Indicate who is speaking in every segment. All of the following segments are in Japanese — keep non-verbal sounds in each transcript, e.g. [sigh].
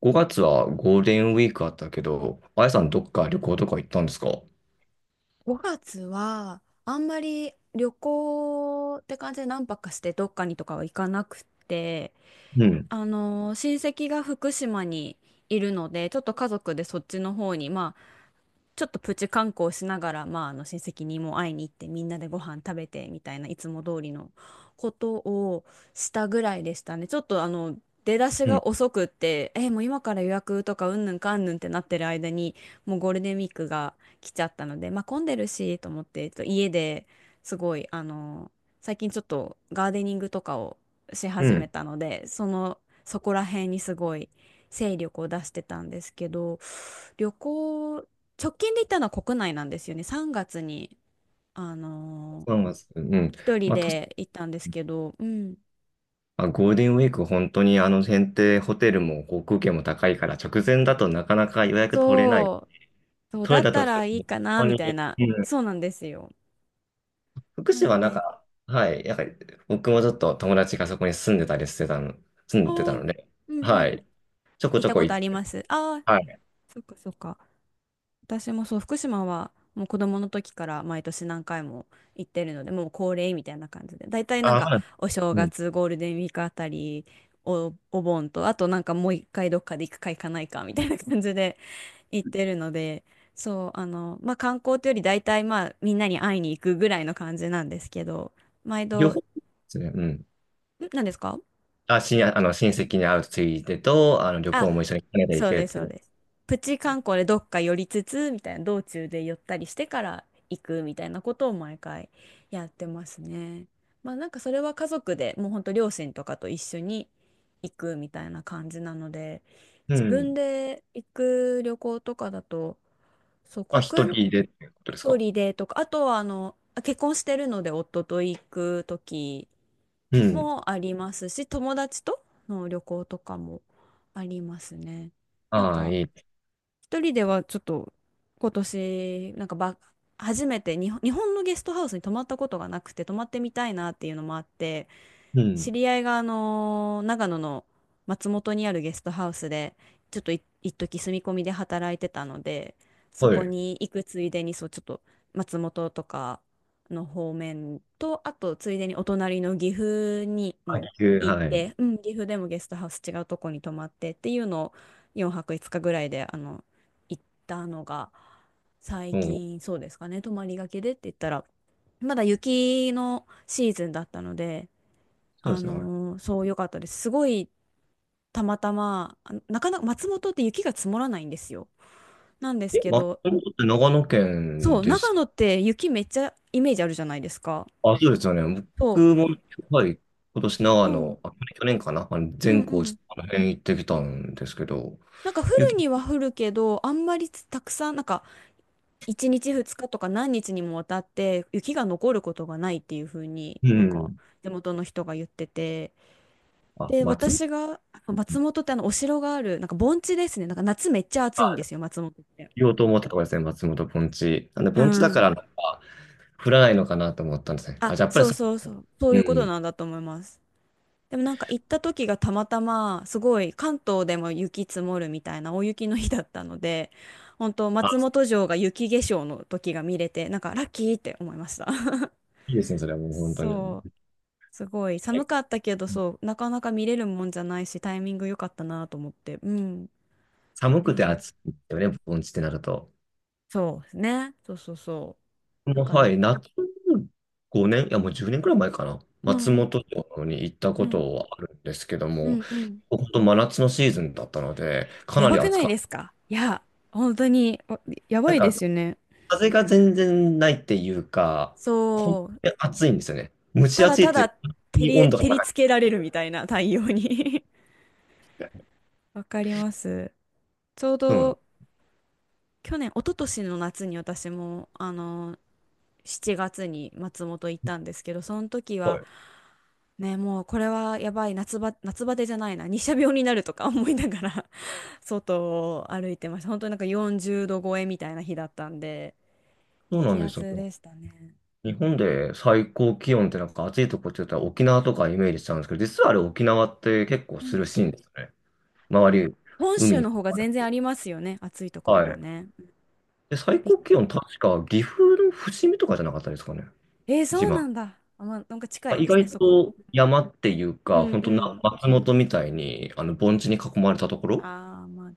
Speaker 1: 5月はゴールデンウィークあったけど、あやさんどっか旅行とか行ったんですか？
Speaker 2: 5月はあんまり旅行って感じで何泊かしてどっかにとかは行かなくて、
Speaker 1: うん、
Speaker 2: あの親戚が福島にいるのでちょっと家族でそっちの方に、ちょっとプチ観光しながら、まあ、あの親戚にも会いに行ってみんなでご飯食べてみたいないつも通りのことをしたぐらいでしたね。ちょっと出だし
Speaker 1: うん、
Speaker 2: が遅くってえもう今から予約とかうんぬんかんぬんってなってる間にもうゴールデンウィークが来ちゃったので、まあ、混んでるしと思って家ですごい最近ちょっとガーデニングとかをし
Speaker 1: う
Speaker 2: 始め
Speaker 1: ん。
Speaker 2: たのでそこら辺にすごい精力を出してたんですけど。旅行直近で行ったのは国内なんですよね。3月に、あのー
Speaker 1: 3月。うん。
Speaker 2: 一人
Speaker 1: まあ、と
Speaker 2: で行ったんですけど、うん。
Speaker 1: まあゴールデンウィーク本当にあの選定ホテルも航空券も高いから直前だとなかなか予約取れない。
Speaker 2: そう、そう
Speaker 1: 取
Speaker 2: だっ
Speaker 1: れた
Speaker 2: た
Speaker 1: として
Speaker 2: らいい
Speaker 1: も
Speaker 2: かな、
Speaker 1: 本
Speaker 2: み
Speaker 1: 当
Speaker 2: たい
Speaker 1: に、
Speaker 2: な。
Speaker 1: うん。
Speaker 2: そうなんですよ。
Speaker 1: 福
Speaker 2: な
Speaker 1: 島は
Speaker 2: ん
Speaker 1: なん
Speaker 2: で。
Speaker 1: か、はい、なんか僕もちょっと友達がそこに住んでたりしてたの、住んでた
Speaker 2: おー、
Speaker 1: ので、
Speaker 2: うんう
Speaker 1: は
Speaker 2: ん。
Speaker 1: い。ちょこ
Speaker 2: 行っ
Speaker 1: ちょ
Speaker 2: た
Speaker 1: こ
Speaker 2: こと
Speaker 1: 行
Speaker 2: あ
Speaker 1: っ
Speaker 2: り
Speaker 1: て、
Speaker 2: ます。ああ、
Speaker 1: はい。
Speaker 2: そっかそっか。私もそう、福島はもう子供の時から毎年何回も行ってるので、もう恒例みたいな感じで、大体なん
Speaker 1: あ、
Speaker 2: か
Speaker 1: はい。
Speaker 2: お正
Speaker 1: うん。
Speaker 2: 月、ゴールデンウィークあたり、お盆と、あとなんかもう一回どっかで行くか行かないかみたいな感じで [laughs] 行ってるので、そう、まあ観光というより大体まあみんなに会いに行くぐらいの感じなんですけど、毎度、
Speaker 1: 両方ですね。うん。
Speaker 2: 何ですか。
Speaker 1: あ、しん、あの、親戚に会うついでと、あの、旅
Speaker 2: あ
Speaker 1: 行も一緒にカナダ行
Speaker 2: そう
Speaker 1: けるっ
Speaker 2: です、
Speaker 1: てい
Speaker 2: そう
Speaker 1: う。
Speaker 2: です。プチ観光でどっか寄りつつ、みたいな、道中で寄ったりしてから行くみたいなことを毎回やってますね。まあなんかそれは家族でもうほんと両親とかと一緒に行くみたいな感じなので、
Speaker 1: う
Speaker 2: 自分
Speaker 1: ん。
Speaker 2: で行く旅行とかだと、そう、
Speaker 1: あ、一
Speaker 2: 国
Speaker 1: 人でってことですか？
Speaker 2: 内でとか、あとは結婚してるので夫と行く時
Speaker 1: うん。
Speaker 2: もありますし、友達との旅行とかもありますね。なん
Speaker 1: ああ、
Speaker 2: か
Speaker 1: いい。
Speaker 2: 一人ではちょっと今年なんか初めて日本のゲストハウスに泊まったことがなくて泊まってみたいなっていうのもあって
Speaker 1: うん。
Speaker 2: 知り合いが、長野の松本にあるゲストハウスで、ちょっと一時住み込みで働いてたので、そ
Speaker 1: は
Speaker 2: こ
Speaker 1: い。
Speaker 2: に行くついでに、そう、ちょっと松本とかの方面と、あとついでにお隣の岐阜に
Speaker 1: あ、
Speaker 2: も
Speaker 1: 急、
Speaker 2: 行っ
Speaker 1: はい。
Speaker 2: て、うん、岐阜でもゲストハウス違うとこに泊まってっていうのを4泊5日ぐらいで、行ったのが、最
Speaker 1: うん。
Speaker 2: 近そうですかね、泊まりがけでって言ったら、まだ雪のシーズンだったので、
Speaker 1: そうですね。
Speaker 2: そう、良かったです。すごい、たまたま、なかなか松本って雪が積もらないんですよ。なんです
Speaker 1: え、
Speaker 2: け
Speaker 1: ま
Speaker 2: ど、
Speaker 1: 松本って長野
Speaker 2: そ
Speaker 1: 県
Speaker 2: う、
Speaker 1: で
Speaker 2: 長
Speaker 1: す。
Speaker 2: 野って雪めっちゃイメージあるじゃないですか。
Speaker 1: あ、そうですよね。
Speaker 2: そ
Speaker 1: 僕も、はい。今年
Speaker 2: う、
Speaker 1: 長
Speaker 2: そう、
Speaker 1: 野、あ、去年かな。あの、
Speaker 2: うん
Speaker 1: 善光
Speaker 2: うん。
Speaker 1: 寺、あの辺行ってきたんですけど、
Speaker 2: なんか降る
Speaker 1: 雪、
Speaker 2: には降るけど、あんまりたくさん、なんか1日2日とか何日にもわたって雪が残ることがないっていう風に
Speaker 1: う
Speaker 2: なんか
Speaker 1: ん。
Speaker 2: 地元の人が言ってて、
Speaker 1: あ、
Speaker 2: で、
Speaker 1: 松
Speaker 2: 私が、松本ってお城がある、なんか盆地ですね。なんか夏めっちゃ暑いん
Speaker 1: あ、
Speaker 2: ですよ、松本って。
Speaker 1: 言おうと思ったところですね。松本盆地。なんで、
Speaker 2: う
Speaker 1: 盆地だか
Speaker 2: ん。
Speaker 1: ら、降らないのかなと思ったんですね。あ、じゃあやっぱり
Speaker 2: そう
Speaker 1: そ
Speaker 2: そうそう、そう
Speaker 1: う
Speaker 2: いうこと
Speaker 1: ん。
Speaker 2: なんだと思います。でもなんか行った時がたまたま、すごい関東でも雪積もるみたいな大雪の日だったので、本当松
Speaker 1: あ、
Speaker 2: 本城が雪化粧の時が見れて、なんかラッキーって思いました。
Speaker 1: いいですね、それは
Speaker 2: [laughs]
Speaker 1: もう本当に。
Speaker 2: そう、すごい寒かったけど、そう、なかなか見れるもんじゃないし、タイミング良かったなと思って、うん。っ
Speaker 1: 寒
Speaker 2: て
Speaker 1: くて
Speaker 2: いう。
Speaker 1: 暑いよね、盆地ってなると。
Speaker 2: そうですね。そうそうそう。なん
Speaker 1: もうは
Speaker 2: か、
Speaker 1: い、夏5年、いやもう10年くらい前かな。
Speaker 2: う
Speaker 1: 松
Speaker 2: ん、
Speaker 1: 本城に行った
Speaker 2: う
Speaker 1: こ
Speaker 2: ん、
Speaker 1: とはあるんですけど
Speaker 2: う
Speaker 1: も、
Speaker 2: ん、うん。
Speaker 1: 本当真夏のシーズンだったので、か
Speaker 2: や
Speaker 1: な
Speaker 2: ば
Speaker 1: り
Speaker 2: くな
Speaker 1: 暑
Speaker 2: い
Speaker 1: か
Speaker 2: で
Speaker 1: っ
Speaker 2: すか。いや、本当に、やば
Speaker 1: た。
Speaker 2: い
Speaker 1: な
Speaker 2: で
Speaker 1: んか、
Speaker 2: すよね。
Speaker 1: 風が全然ないっていうか、本
Speaker 2: そう、
Speaker 1: 当に暑いんですよね。蒸し
Speaker 2: ただ
Speaker 1: 暑い
Speaker 2: た
Speaker 1: っていう
Speaker 2: だ
Speaker 1: か、本当に温度
Speaker 2: 照
Speaker 1: が
Speaker 2: り
Speaker 1: 高
Speaker 2: つ
Speaker 1: く
Speaker 2: けられるみたいな太陽に。 [laughs]
Speaker 1: て。
Speaker 2: わかります。ちょう
Speaker 1: そうなの。
Speaker 2: ど去年、一昨年の夏に私も、7月に松本行ったんですけど、その時
Speaker 1: は
Speaker 2: は、
Speaker 1: い。
Speaker 2: ね、もうこれはやばい、夏バテじゃないな、日射病になるとか [laughs] 思いながら [laughs] 外を歩いてました。本当になんか40度超えみたいな日だったんで、
Speaker 1: そうなん
Speaker 2: 激
Speaker 1: で
Speaker 2: ア
Speaker 1: すよ。
Speaker 2: ツでしたね。
Speaker 1: 日本で最高気温ってなんか暑いとこって言ったら沖縄とかイメージしちゃうんですけど、実はあれ沖縄って結構
Speaker 2: う
Speaker 1: 涼
Speaker 2: ん。
Speaker 1: しいんですよね。周り、
Speaker 2: 本
Speaker 1: 海
Speaker 2: 州
Speaker 1: に。
Speaker 2: の方が全然ありますよね。暑いとこ
Speaker 1: は
Speaker 2: ろが
Speaker 1: い。
Speaker 2: ね。
Speaker 1: で、最
Speaker 2: びっ
Speaker 1: 高気温確か岐阜の伏見とかじゃなかったですかね。
Speaker 2: えー、そ
Speaker 1: 一
Speaker 2: う
Speaker 1: 番。
Speaker 2: なんだ。あ、まあ、なんか近い
Speaker 1: 意
Speaker 2: ですね、
Speaker 1: 外
Speaker 2: そこら。
Speaker 1: と山っていう
Speaker 2: う
Speaker 1: か、
Speaker 2: ん
Speaker 1: 本当
Speaker 2: う
Speaker 1: な
Speaker 2: ん。
Speaker 1: 松本みたいにあの盆地に囲まれたところ、
Speaker 2: ああ、まあ、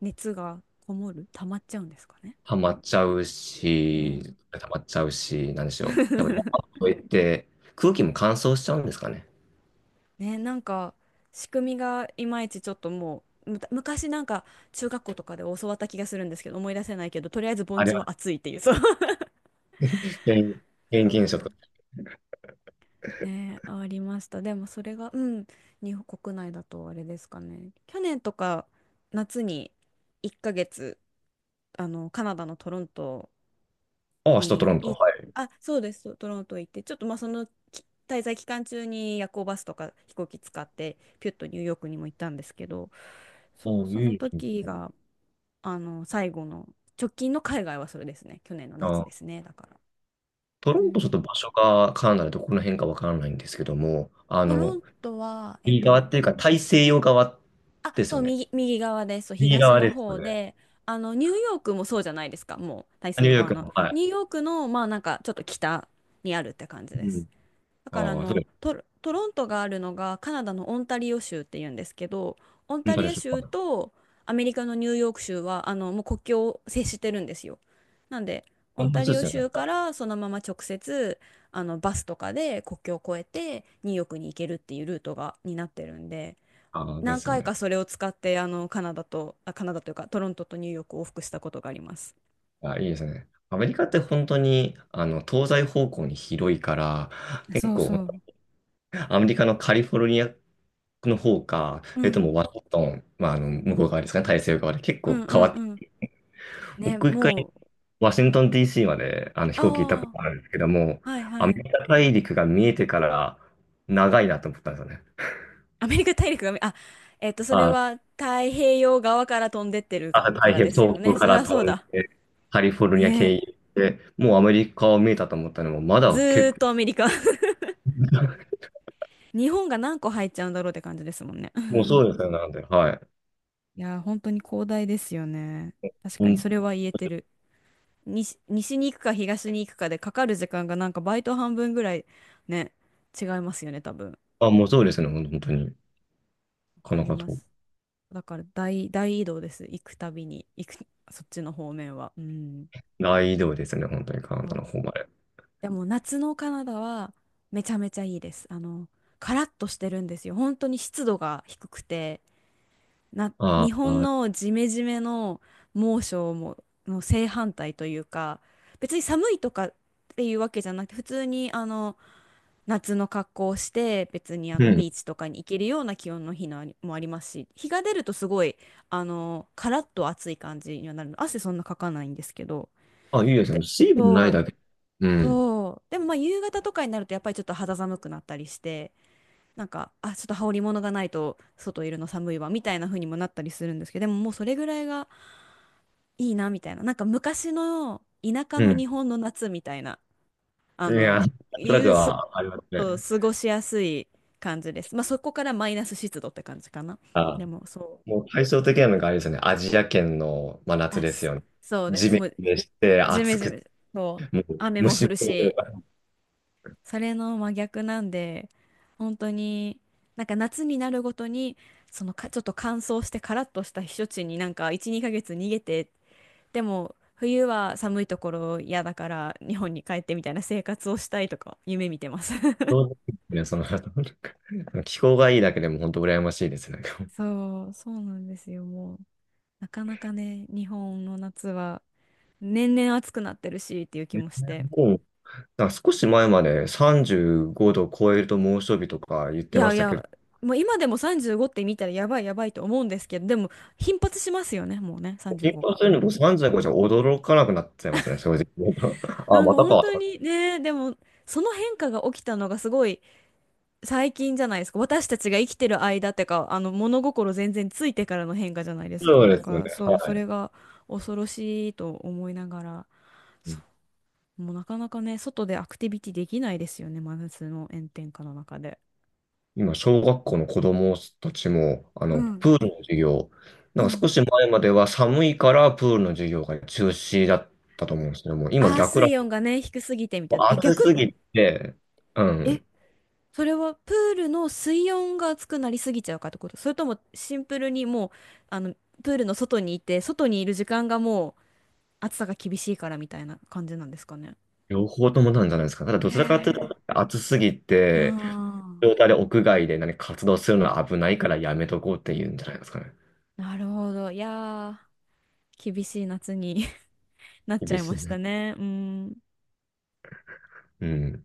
Speaker 2: 熱がこもる、溜まっちゃうんですかね。
Speaker 1: ハマっちゃう
Speaker 2: う
Speaker 1: し、
Speaker 2: ん。
Speaker 1: 溜まっちゃうし、なんでしょう。やっぱり
Speaker 2: [laughs]
Speaker 1: 山越えて空気も乾燥しちゃうんですかね。
Speaker 2: ね、なんか仕組みがいまいちちょっともう、昔なんか中学校とかで教わった気がするんですけど、思い出せないけど、とりあえず盆
Speaker 1: あれ
Speaker 2: 地
Speaker 1: は
Speaker 2: は暑いっていう、そう。[laughs]
Speaker 1: 原因原
Speaker 2: そ
Speaker 1: 因
Speaker 2: う
Speaker 1: 現
Speaker 2: そ
Speaker 1: 象
Speaker 2: う。ね、ありました。でもそれが、うん、日本国内だとあれですかね。去年とか夏に1ヶ月、カナダのトロント
Speaker 1: ああ、明日取
Speaker 2: に
Speaker 1: らんと。
Speaker 2: あ、そうです、トロント行って、ちょっとまあそのき滞在期間中に夜行バスとか飛行機使って、ピュッとニューヨークにも行ったんですけど、そう、
Speaker 1: おー
Speaker 2: その
Speaker 1: いいですね
Speaker 2: 時が、最後の、直近の海外はそれですね。去年の夏
Speaker 1: あ、
Speaker 2: ですね、だから。
Speaker 1: トロ
Speaker 2: う
Speaker 1: ントちょっ
Speaker 2: ん、
Speaker 1: と場所がカナダでどこの辺かわからないんですけども、あ
Speaker 2: トロ
Speaker 1: の、
Speaker 2: ントは、
Speaker 1: 右側っていうか大西洋側です
Speaker 2: そ
Speaker 1: よ
Speaker 2: う、
Speaker 1: ね。
Speaker 2: 右側です。そう、
Speaker 1: 右
Speaker 2: 東
Speaker 1: 側
Speaker 2: の
Speaker 1: ですよ
Speaker 2: 方
Speaker 1: ね。
Speaker 2: で、ニューヨークもそうじゃないですか、もう、大
Speaker 1: あ
Speaker 2: 西
Speaker 1: ニュ
Speaker 2: 洋
Speaker 1: ーヨー
Speaker 2: 側
Speaker 1: ク
Speaker 2: の。
Speaker 1: の、はい。
Speaker 2: ニューヨークの、まあ、なんか、ちょっと北にあるって感じで
Speaker 1: う
Speaker 2: す。
Speaker 1: ん。
Speaker 2: だから、
Speaker 1: ああ、そう、
Speaker 2: トロントがあるのが、カナダのオンタリオ州っていうんですけど、オン
Speaker 1: 本
Speaker 2: タ
Speaker 1: 当
Speaker 2: リ
Speaker 1: で
Speaker 2: オ
Speaker 1: しょう
Speaker 2: 州
Speaker 1: か。
Speaker 2: とアメリカのニューヨーク州は、もう国境を接してるんですよ。なんで、オ
Speaker 1: こ
Speaker 2: ン
Speaker 1: んな
Speaker 2: タ
Speaker 1: 人
Speaker 2: リ
Speaker 1: で
Speaker 2: オ
Speaker 1: すよね。
Speaker 2: 州
Speaker 1: はい
Speaker 2: からそのまま直接、バスとかで国境を越えて、ニューヨークに行けるっていうルートが、になってるんで、
Speaker 1: ああ、で
Speaker 2: 何
Speaker 1: すよ
Speaker 2: 回か
Speaker 1: ね。
Speaker 2: それを使ってカナダとカナダというかトロントとニューヨークを往復したことがあります。
Speaker 1: あ、いいですね。アメリカって本当に、あの、東西方向に広いから、結
Speaker 2: そう
Speaker 1: 構、
Speaker 2: そう。
Speaker 1: アメリカのカリフォルニアの方か、
Speaker 2: うん
Speaker 1: もうワシントン、まあ、あの、向こう側ですかね、大西洋側で結
Speaker 2: うん
Speaker 1: 構
Speaker 2: う
Speaker 1: 変
Speaker 2: ん
Speaker 1: わって、
Speaker 2: うん。ね、
Speaker 1: 僕一回
Speaker 2: もう、
Speaker 1: ワシントン DC まであの飛行機行ったこ
Speaker 2: ああ
Speaker 1: とあるんですけども、
Speaker 2: ー、はい
Speaker 1: ア
Speaker 2: は
Speaker 1: メ
Speaker 2: い。
Speaker 1: リカ大陸が見えてから長いなと思ったんですよね。
Speaker 2: アメリカ大陸がそれ
Speaker 1: あ、
Speaker 2: は太平洋側から飛んでってる
Speaker 1: あ、
Speaker 2: か、
Speaker 1: 太
Speaker 2: か
Speaker 1: 平
Speaker 2: ら
Speaker 1: 洋、
Speaker 2: ですよ
Speaker 1: 東京
Speaker 2: ね。
Speaker 1: か
Speaker 2: そり
Speaker 1: ら
Speaker 2: ゃ
Speaker 1: 飛
Speaker 2: そう
Speaker 1: ん
Speaker 2: だ
Speaker 1: で、カリフォルニア経
Speaker 2: ね。
Speaker 1: 由で、もうアメリカを見えたと思ったのも、ま
Speaker 2: ず
Speaker 1: だ
Speaker 2: ー
Speaker 1: 結構、
Speaker 2: っとアメリカ。 [laughs] 日本が何個入っちゃうんだろうって感じですもんね。 [laughs]
Speaker 1: もうそうですね、なんで、はい。
Speaker 2: いやー、本当に広大ですよね。確
Speaker 1: う
Speaker 2: かに
Speaker 1: ん、
Speaker 2: それは言えてる。西に行くか東に行くかでかかる時間がなんかバイト半分ぐらいね、違いますよね、多分。わ
Speaker 1: あ、もうそうですね、ほん本当に。こ
Speaker 2: か
Speaker 1: の
Speaker 2: り
Speaker 1: こ
Speaker 2: ま
Speaker 1: と
Speaker 2: す。だから大移動です。行くたびに、そっちの方面は。うん。
Speaker 1: 大移動ですね、本当にカナ
Speaker 2: そ
Speaker 1: ダ
Speaker 2: う、
Speaker 1: の方まで。
Speaker 2: でも夏のカナダはめちゃめちゃいいです。カラッとしてるんですよ。本当に湿度が低くて、
Speaker 1: あ
Speaker 2: 日本
Speaker 1: あ、
Speaker 2: のジメジメの猛暑も、の正反対というか、別に寒いとかっていうわけじゃなくて、普通に夏の格好をして別に
Speaker 1: うん。
Speaker 2: ビーチとかに行けるような気温の日のもありますし、日が出るとすごいカラッと暑い感じにはなるの、汗そんなかかないんですけど、
Speaker 1: あ、いいですね。
Speaker 2: で
Speaker 1: 水分ない
Speaker 2: そう
Speaker 1: だけ。うん。
Speaker 2: そう、でもまあ夕方とかになるとやっぱりちょっと肌寒くなったりして、なんかちょっと羽織り物がないと外いるの寒いわみたいな風にもなったりするんですけど、でももうそれぐらいがいいなみたいな、なんか昔の田舎
Speaker 1: う
Speaker 2: の
Speaker 1: ん。
Speaker 2: 日本の夏みたいなあ
Speaker 1: いや、
Speaker 2: の
Speaker 1: なんと
Speaker 2: い
Speaker 1: なく
Speaker 2: うす
Speaker 1: はあります
Speaker 2: そう、
Speaker 1: ね。
Speaker 2: 過ごしやすい感じです。まあそこからマイナス湿度って感じかな。
Speaker 1: あ
Speaker 2: でもそう。
Speaker 1: もう対照的なのがあれですよね。アジア圏の真夏
Speaker 2: あ、
Speaker 1: です
Speaker 2: す
Speaker 1: よね。
Speaker 2: そうで
Speaker 1: ジ
Speaker 2: す。も
Speaker 1: メ
Speaker 2: う
Speaker 1: ジメして、
Speaker 2: ジメ
Speaker 1: 暑
Speaker 2: ジ
Speaker 1: くて、
Speaker 2: メ、そう、
Speaker 1: もう
Speaker 2: 雨も
Speaker 1: 虫
Speaker 2: 降る
Speaker 1: も多いという
Speaker 2: し、
Speaker 1: か、
Speaker 2: それの真逆なんで、本当になんか夏になるごとに、そのか、ちょっと乾燥してカラッとした避暑地になんか1、2ヶ月逃げて、でも冬は寒いところ嫌だから日本に帰ってみたいな生活をしたいとか夢見てます。
Speaker 1: そうですね、その、なんか気候がいいだけでも本当羨ましいですね。
Speaker 2: [laughs] そう、そうなんですよ、もう。なかなかね、日本の夏は年々暑くなってるしっていう気
Speaker 1: ね
Speaker 2: もして。
Speaker 1: もう、なんか少し前まで35度超えると猛暑日とか言っ
Speaker 2: い
Speaker 1: てま
Speaker 2: やい
Speaker 1: したけ
Speaker 2: や、
Speaker 1: ど、
Speaker 2: もう今でも35って見たらやばいやばいと思うんですけど、でも頻発しますよね、もうね、
Speaker 1: 頻
Speaker 2: 35
Speaker 1: 発
Speaker 2: が。
Speaker 1: するの僕35じゅうごじゃ驚かなくなっちゃいますね、正直。[laughs] あ、
Speaker 2: なんか
Speaker 1: また
Speaker 2: 本当
Speaker 1: か。
Speaker 2: にね、でもその変化が起きたのがすごい最近じゃないですか。私たちが生きてる間ってか、物心全然ついてからの変化じゃないです
Speaker 1: そ
Speaker 2: か。
Speaker 1: う
Speaker 2: だ
Speaker 1: で
Speaker 2: か
Speaker 1: すよね。
Speaker 2: らそう、そ
Speaker 1: は
Speaker 2: れが恐ろしいと思いながら、そ
Speaker 1: い
Speaker 2: う、もうなかなかね、外でアクティビティできないですよね、真夏の炎天下の中で。
Speaker 1: 今、小学校の子供たちも、あ
Speaker 2: う
Speaker 1: の、
Speaker 2: ん。
Speaker 1: プールの授業、
Speaker 2: う
Speaker 1: なんか
Speaker 2: ん。
Speaker 1: 少し前までは寒いからプールの授業が中止だったと思うんですけども、今
Speaker 2: ああ、
Speaker 1: 逆ら、
Speaker 2: 水温がね、低すぎてみた
Speaker 1: も
Speaker 2: い
Speaker 1: う
Speaker 2: な。え、
Speaker 1: 暑
Speaker 2: 逆、
Speaker 1: すぎて、う
Speaker 2: え、
Speaker 1: ん、
Speaker 2: それはプールの水温が熱くなりすぎちゃうかってこと、それともシンプルにもう、あの、プールの外にいて、外にいる時間がもう暑さが厳しいからみたいな感じなんですかね。
Speaker 1: 両方ともなんじゃないですか。ただ
Speaker 2: へ
Speaker 1: どちらかというと、
Speaker 2: え。
Speaker 1: 暑すぎ
Speaker 2: う
Speaker 1: て、
Speaker 2: ん、
Speaker 1: 状態で屋外で何か活動するのは危ないからやめとこうっていうんじゃないですかね。
Speaker 2: なるほど。いやー、厳しい夏に [laughs] なっちゃ
Speaker 1: 厳
Speaker 2: い
Speaker 1: し
Speaker 2: ました
Speaker 1: い。
Speaker 2: ね。うん。
Speaker 1: うん。